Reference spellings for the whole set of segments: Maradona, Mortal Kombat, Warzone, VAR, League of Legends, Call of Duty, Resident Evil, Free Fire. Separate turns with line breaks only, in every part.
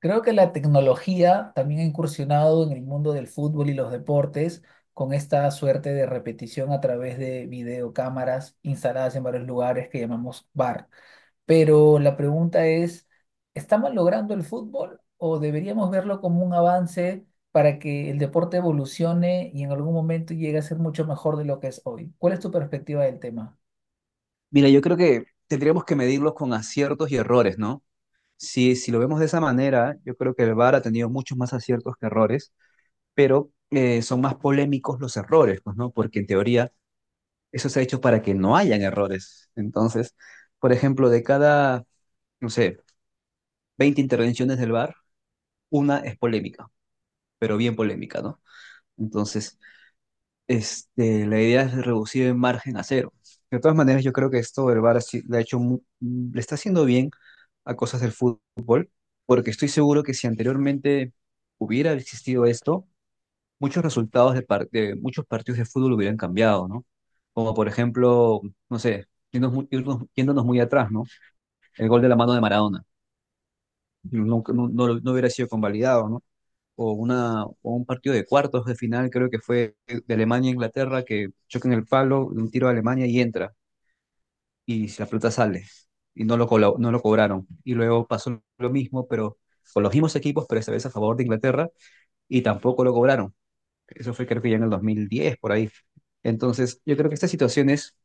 Creo que la tecnología también ha incursionado en el mundo del fútbol y los deportes con esta suerte de repetición a través de videocámaras instaladas en varios lugares que llamamos VAR. Pero la pregunta es, ¿estamos logrando el fútbol o deberíamos verlo como un avance para que el deporte evolucione y en algún momento llegue a ser mucho mejor de lo que es hoy? ¿Cuál es tu perspectiva del tema?
Mira, yo creo que tendríamos que medirlos con aciertos y errores, ¿no? Si lo vemos de esa manera, yo creo que el VAR ha tenido muchos más aciertos que errores, pero son más polémicos los errores, pues, ¿no? Porque en teoría eso se ha hecho para que no hayan errores. Entonces, por ejemplo, de cada, no sé, 20 intervenciones del VAR, una es polémica, pero bien polémica, ¿no? Entonces, la idea es reducir el margen a 0. De todas maneras, yo creo que esto el VAR sí le ha le está haciendo bien a cosas del fútbol porque estoy seguro que si anteriormente hubiera existido esto, muchos resultados de muchos partidos de fútbol hubieran cambiado, ¿no? Como por ejemplo, no sé, yéndonos muy atrás, ¿no? El gol de la mano de Maradona, no hubiera sido convalidado, ¿no? O un partido de cuartos de final, creo que fue de Alemania e Inglaterra, que chocan el palo, un tiro a Alemania y entra, y la pelota sale, y no no lo cobraron. Y luego pasó lo mismo, pero con los mismos equipos, pero esta vez a favor de Inglaterra y tampoco lo cobraron. Eso fue creo que ya en el 2010 por ahí. Entonces, yo creo que estas situaciones,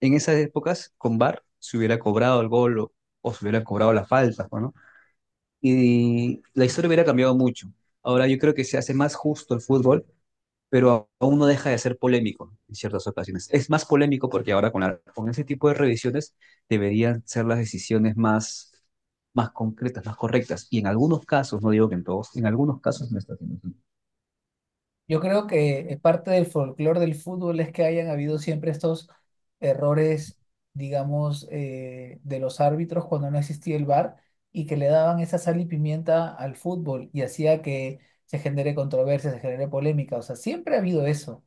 en esas épocas, con VAR, se hubiera cobrado el gol, o se hubiera cobrado la falta, ¿no? Y la historia hubiera cambiado mucho. Ahora yo creo que se hace más justo el fútbol, pero aún no deja de ser polémico en ciertas ocasiones. Es más polémico porque ahora con ese tipo de revisiones deberían ser las decisiones más concretas, más correctas. Y en algunos casos, no digo que en todos, en algunos casos no está haciendo.
Yo creo que parte del folclore del fútbol es que hayan habido siempre estos errores, digamos, de los árbitros cuando no existía el VAR y que le daban esa sal y pimienta al fútbol y hacía que se genere controversia, se genere polémica. O sea, siempre ha habido eso.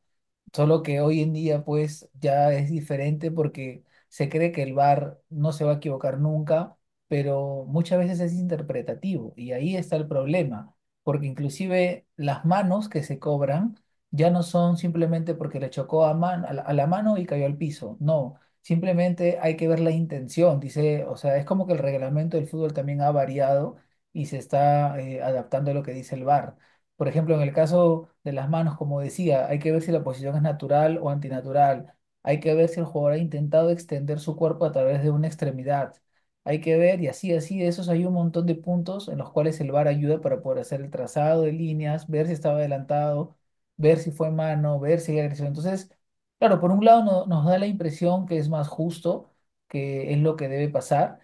Solo que hoy en día pues ya es diferente porque se cree que el VAR no se va a equivocar nunca, pero muchas veces es interpretativo y ahí está el problema, porque inclusive las manos que se cobran ya no son simplemente porque le chocó a, a la mano y cayó al piso, no, simplemente hay que ver la intención, dice, o sea, es como que el reglamento del fútbol también ha variado y se está adaptando a lo que dice el VAR. Por ejemplo, en el caso de las manos, como decía, hay que ver si la posición es natural o antinatural. Hay que ver si el jugador ha intentado extender su cuerpo a través de una extremidad. Hay que ver, y así, así, de esos hay un montón de puntos en los cuales el VAR ayuda para poder hacer el trazado de líneas, ver si estaba adelantado, ver si fue mano, ver si hay agresión. Entonces, claro, por un lado nos da la impresión que es más justo, que es lo que debe pasar.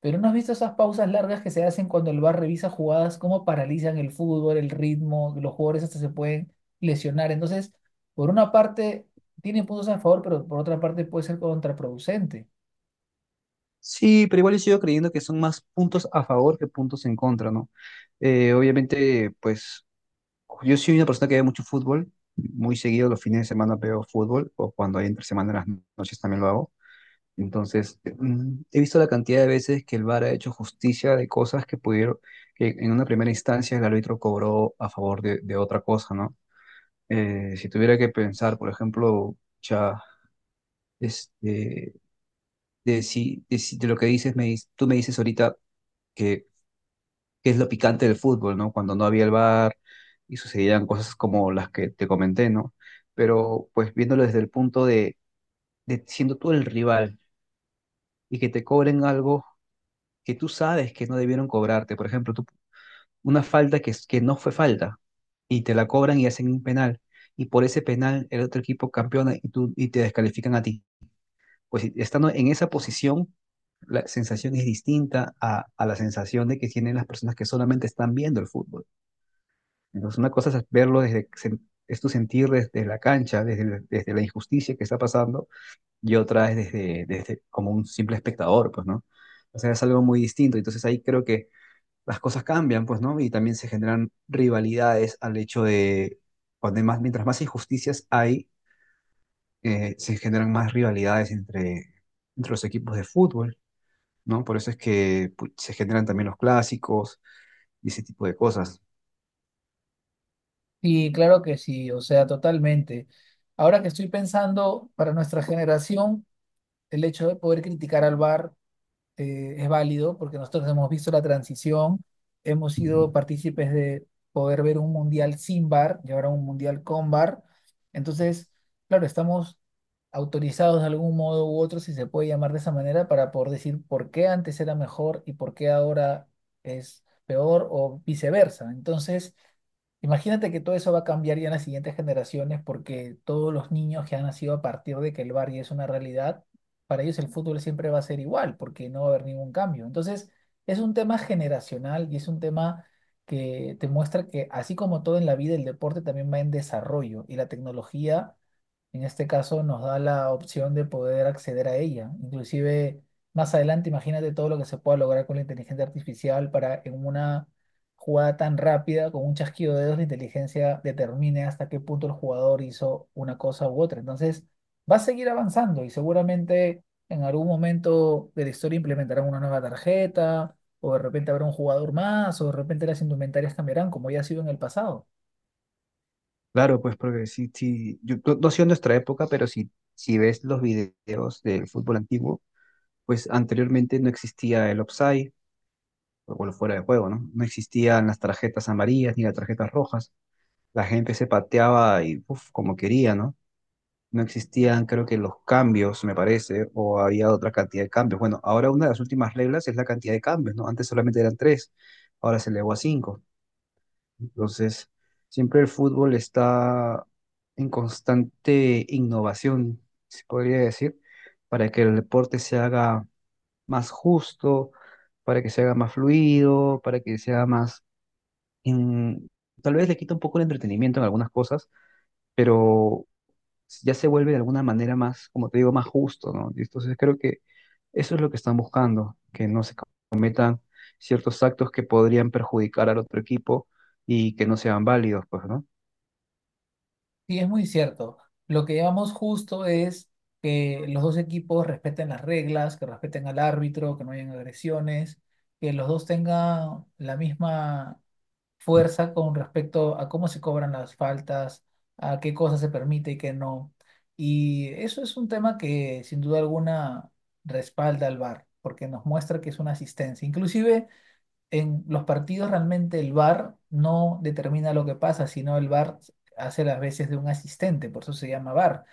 Pero ¿no has visto esas pausas largas que se hacen cuando el VAR revisa jugadas, cómo paralizan el fútbol, el ritmo, los jugadores hasta se pueden lesionar? Entonces, por una parte, tiene puntos a favor, pero por otra parte puede ser contraproducente.
Sí, pero igual yo sigo creyendo que son más puntos a favor que puntos en contra, ¿no? Obviamente, pues yo soy una persona que ve mucho fútbol, muy seguido los fines de semana veo fútbol, o cuando hay entre semana en las noches también lo hago. Entonces, he visto la cantidad de veces que el VAR ha hecho justicia de cosas que pudieron, que en una primera instancia el árbitro cobró a favor de otra cosa, ¿no? Si tuviera que pensar, por ejemplo, ya, este, de, si, de, si- de lo que dices, tú me dices ahorita que que es lo picante del fútbol, ¿no? Cuando no había el VAR y sucedían cosas como las que te comenté, ¿no? Pero pues viéndolo desde el punto de siendo tú el rival y que te cobren algo que tú sabes que no debieron cobrarte, por ejemplo, una falta que no fue falta y te la cobran y hacen un penal y por ese penal el otro equipo campeona y te descalifican a ti. Pues estando en esa posición, la sensación es distinta a la sensación de que tienen las personas que solamente están viendo el fútbol. Entonces, una cosa es verlo es tu sentir desde la cancha, desde la injusticia que está pasando, y otra es desde como un simple espectador, pues, ¿no? O sea, es algo muy distinto. Entonces ahí creo que las cosas cambian, pues, ¿no? Y también se generan rivalidades al hecho de, cuando hay más, mientras más injusticias hay, se generan más rivalidades entre los equipos de fútbol, ¿no? Por eso es que se generan también los clásicos y ese tipo de cosas.
Y claro que sí, o sea, totalmente. Ahora que estoy pensando, para nuestra generación, el hecho de poder criticar al VAR es válido porque nosotros hemos visto la transición, hemos sido partícipes de poder ver un mundial sin VAR y ahora un mundial con VAR. Entonces, claro, estamos autorizados de algún modo u otro, si se puede llamar de esa manera, para poder decir por qué antes era mejor y por qué ahora es peor o viceversa. Entonces, imagínate que todo eso va a cambiar ya en las siguientes generaciones porque todos los niños que han nacido a partir de que el VAR ya es una realidad para ellos el fútbol siempre va a ser igual, porque no va a haber ningún cambio. Entonces, es un tema generacional y es un tema que te muestra que así como todo en la vida, el deporte también va en desarrollo y la tecnología en este caso nos da la opción de poder acceder a ella. Inclusive más adelante, imagínate todo lo que se pueda lograr con la inteligencia artificial para en una jugada tan rápida, con un chasquido de dedos, la inteligencia determine hasta qué punto el jugador hizo una cosa u otra. Entonces, va a seguir avanzando y seguramente en algún momento de la historia implementarán una nueva tarjeta, o de repente habrá un jugador más, o de repente las indumentarias cambiarán, como ya ha sido en el pasado.
Claro, pues porque sí, sí, yo no, no sé en nuestra época, pero si ves los videos del fútbol antiguo, pues anteriormente no existía el offside, o bueno, fuera de juego, ¿no? No existían las tarjetas amarillas ni las tarjetas rojas. La gente se pateaba y uf, como quería, ¿no? No existían, creo que los cambios, me parece, o había otra cantidad de cambios. Bueno, ahora una de las últimas reglas es la cantidad de cambios, ¿no? Antes solamente eran tres, ahora se elevó a cinco. Entonces, siempre el fútbol está en constante innovación, se podría decir, para que el deporte se haga más justo, para que se haga más fluido, para que sea más... en- Tal vez le quita un poco el entretenimiento en algunas cosas, pero ya se vuelve de alguna manera más, como te digo, más justo, ¿no? Y entonces creo que eso es lo que están buscando, que no se cometan ciertos actos que podrían perjudicar al otro equipo y que no sean válidos, pues, ¿no?
Sí, es muy cierto. Lo que llevamos justo es que los dos equipos respeten las reglas, que respeten al árbitro, que no hayan agresiones, que los dos tengan la misma fuerza con respecto a cómo se cobran las faltas, a qué cosas se permite y qué no. Y eso es un tema que sin duda alguna respalda al VAR, porque nos muestra que es una asistencia. Inclusive en los partidos realmente el VAR no determina lo que pasa, sino el VAR hace las veces de un asistente, por eso se llama VAR,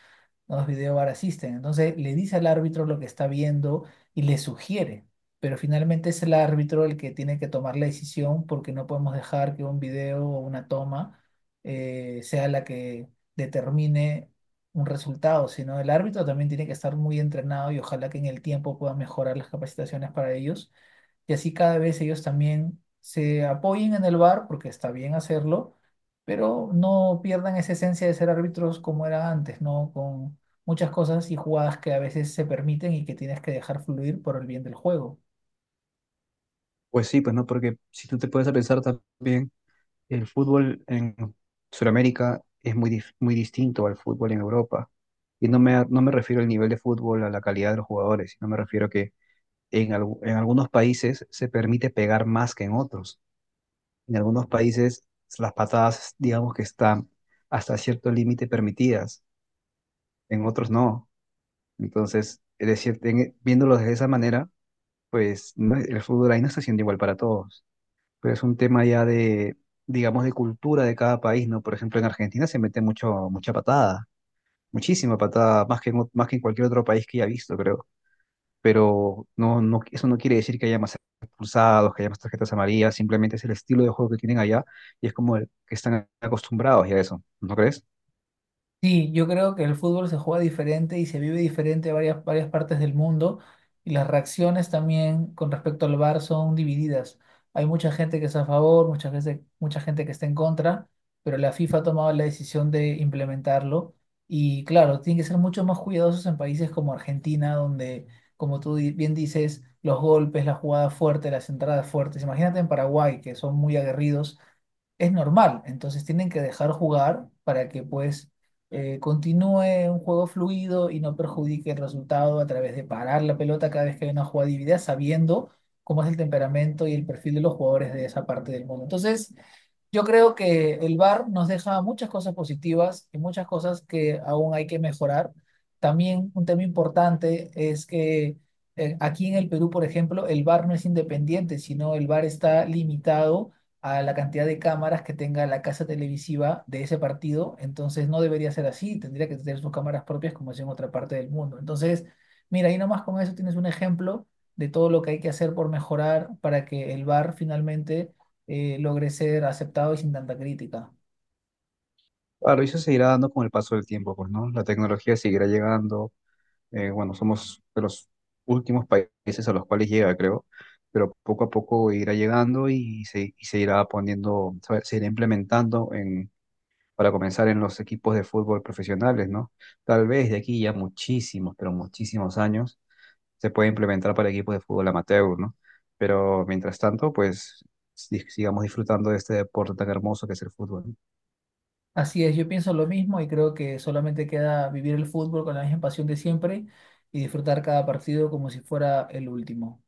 no es video VAR asisten. Entonces le dice al árbitro lo que está viendo y le sugiere, pero finalmente es el árbitro el que tiene que tomar la decisión porque no podemos dejar que un video o una toma sea la que determine un resultado, sino el árbitro también tiene que estar muy entrenado y ojalá que en el tiempo pueda mejorar las capacitaciones para ellos y así cada vez ellos también se apoyen en el VAR, porque está bien hacerlo, pero no pierdan esa esencia de ser árbitros como era antes, ¿no? Con muchas cosas y jugadas que a veces se permiten y que tienes que dejar fluir por el bien del juego.
Pues sí, pues no, porque si tú te puedes a pensar también, el fútbol en Sudamérica es muy distinto al fútbol en Europa. Y no me refiero al nivel de fútbol, a la calidad de los jugadores, sino me refiero que en algunos países se permite pegar más que en otros. En algunos países las patadas, digamos que están hasta cierto límite permitidas, en otros no. Entonces, es decir, viéndolo de esa manera, el fútbol ahí no está siendo igual para todos. Pero es un tema ya de, digamos, de cultura de cada país, ¿no? Por ejemplo, en Argentina se mete mucho, mucha patada, muchísima patada, más que más que en cualquier otro país que haya visto, creo. Pero no, no, eso no quiere decir que haya más expulsados, que haya más tarjetas amarillas, simplemente es el estilo de juego que tienen allá y es como el que están acostumbrados ya a eso, ¿no crees?
Sí, yo creo que el fútbol se juega diferente y se vive diferente en varias, varias partes del mundo y las reacciones también con respecto al VAR son divididas. Hay mucha gente que está a favor, mucha gente que está en contra, pero la FIFA ha tomado la decisión de implementarlo y claro, tienen que ser mucho más cuidadosos en países como Argentina, donde, como bien dices, los golpes, la jugada fuerte, las entradas fuertes. Imagínate en Paraguay, que son muy aguerridos es normal. Entonces tienen que dejar jugar para que pues continúe un juego fluido y no perjudique el resultado a través de parar la pelota cada vez que hay una jugada dividida, sabiendo cómo es el temperamento y el perfil de los jugadores de esa parte del mundo. Entonces, yo creo que el VAR nos deja muchas cosas positivas y muchas cosas que aún hay que mejorar. También un tema importante es que aquí en el Perú, por ejemplo, el VAR no es independiente, sino el VAR está limitado a la cantidad de cámaras que tenga la casa televisiva de ese partido. Entonces no debería ser así, tendría que tener sus cámaras propias como es en otra parte del mundo. Entonces, mira, ahí nomás con eso tienes un ejemplo de todo lo que hay que hacer por mejorar para que el VAR finalmente logré ser aceptado y sin tanta crítica.
Claro, y eso se irá dando con el paso del tiempo, pues, ¿no? La tecnología seguirá llegando. Bueno, somos de los últimos países a los cuales llega, creo, pero poco a poco irá llegando y se irá poniendo, se irá implementando en, para comenzar en los equipos de fútbol profesionales, ¿no? Tal vez de aquí ya muchísimos, pero muchísimos años se puede implementar para equipos de fútbol amateur, ¿no? Pero mientras tanto, pues sigamos disfrutando de este deporte tan hermoso que es el fútbol.
Así es, yo pienso lo mismo y creo que solamente queda vivir el fútbol con la misma pasión de siempre y disfrutar cada partido como si fuera el último.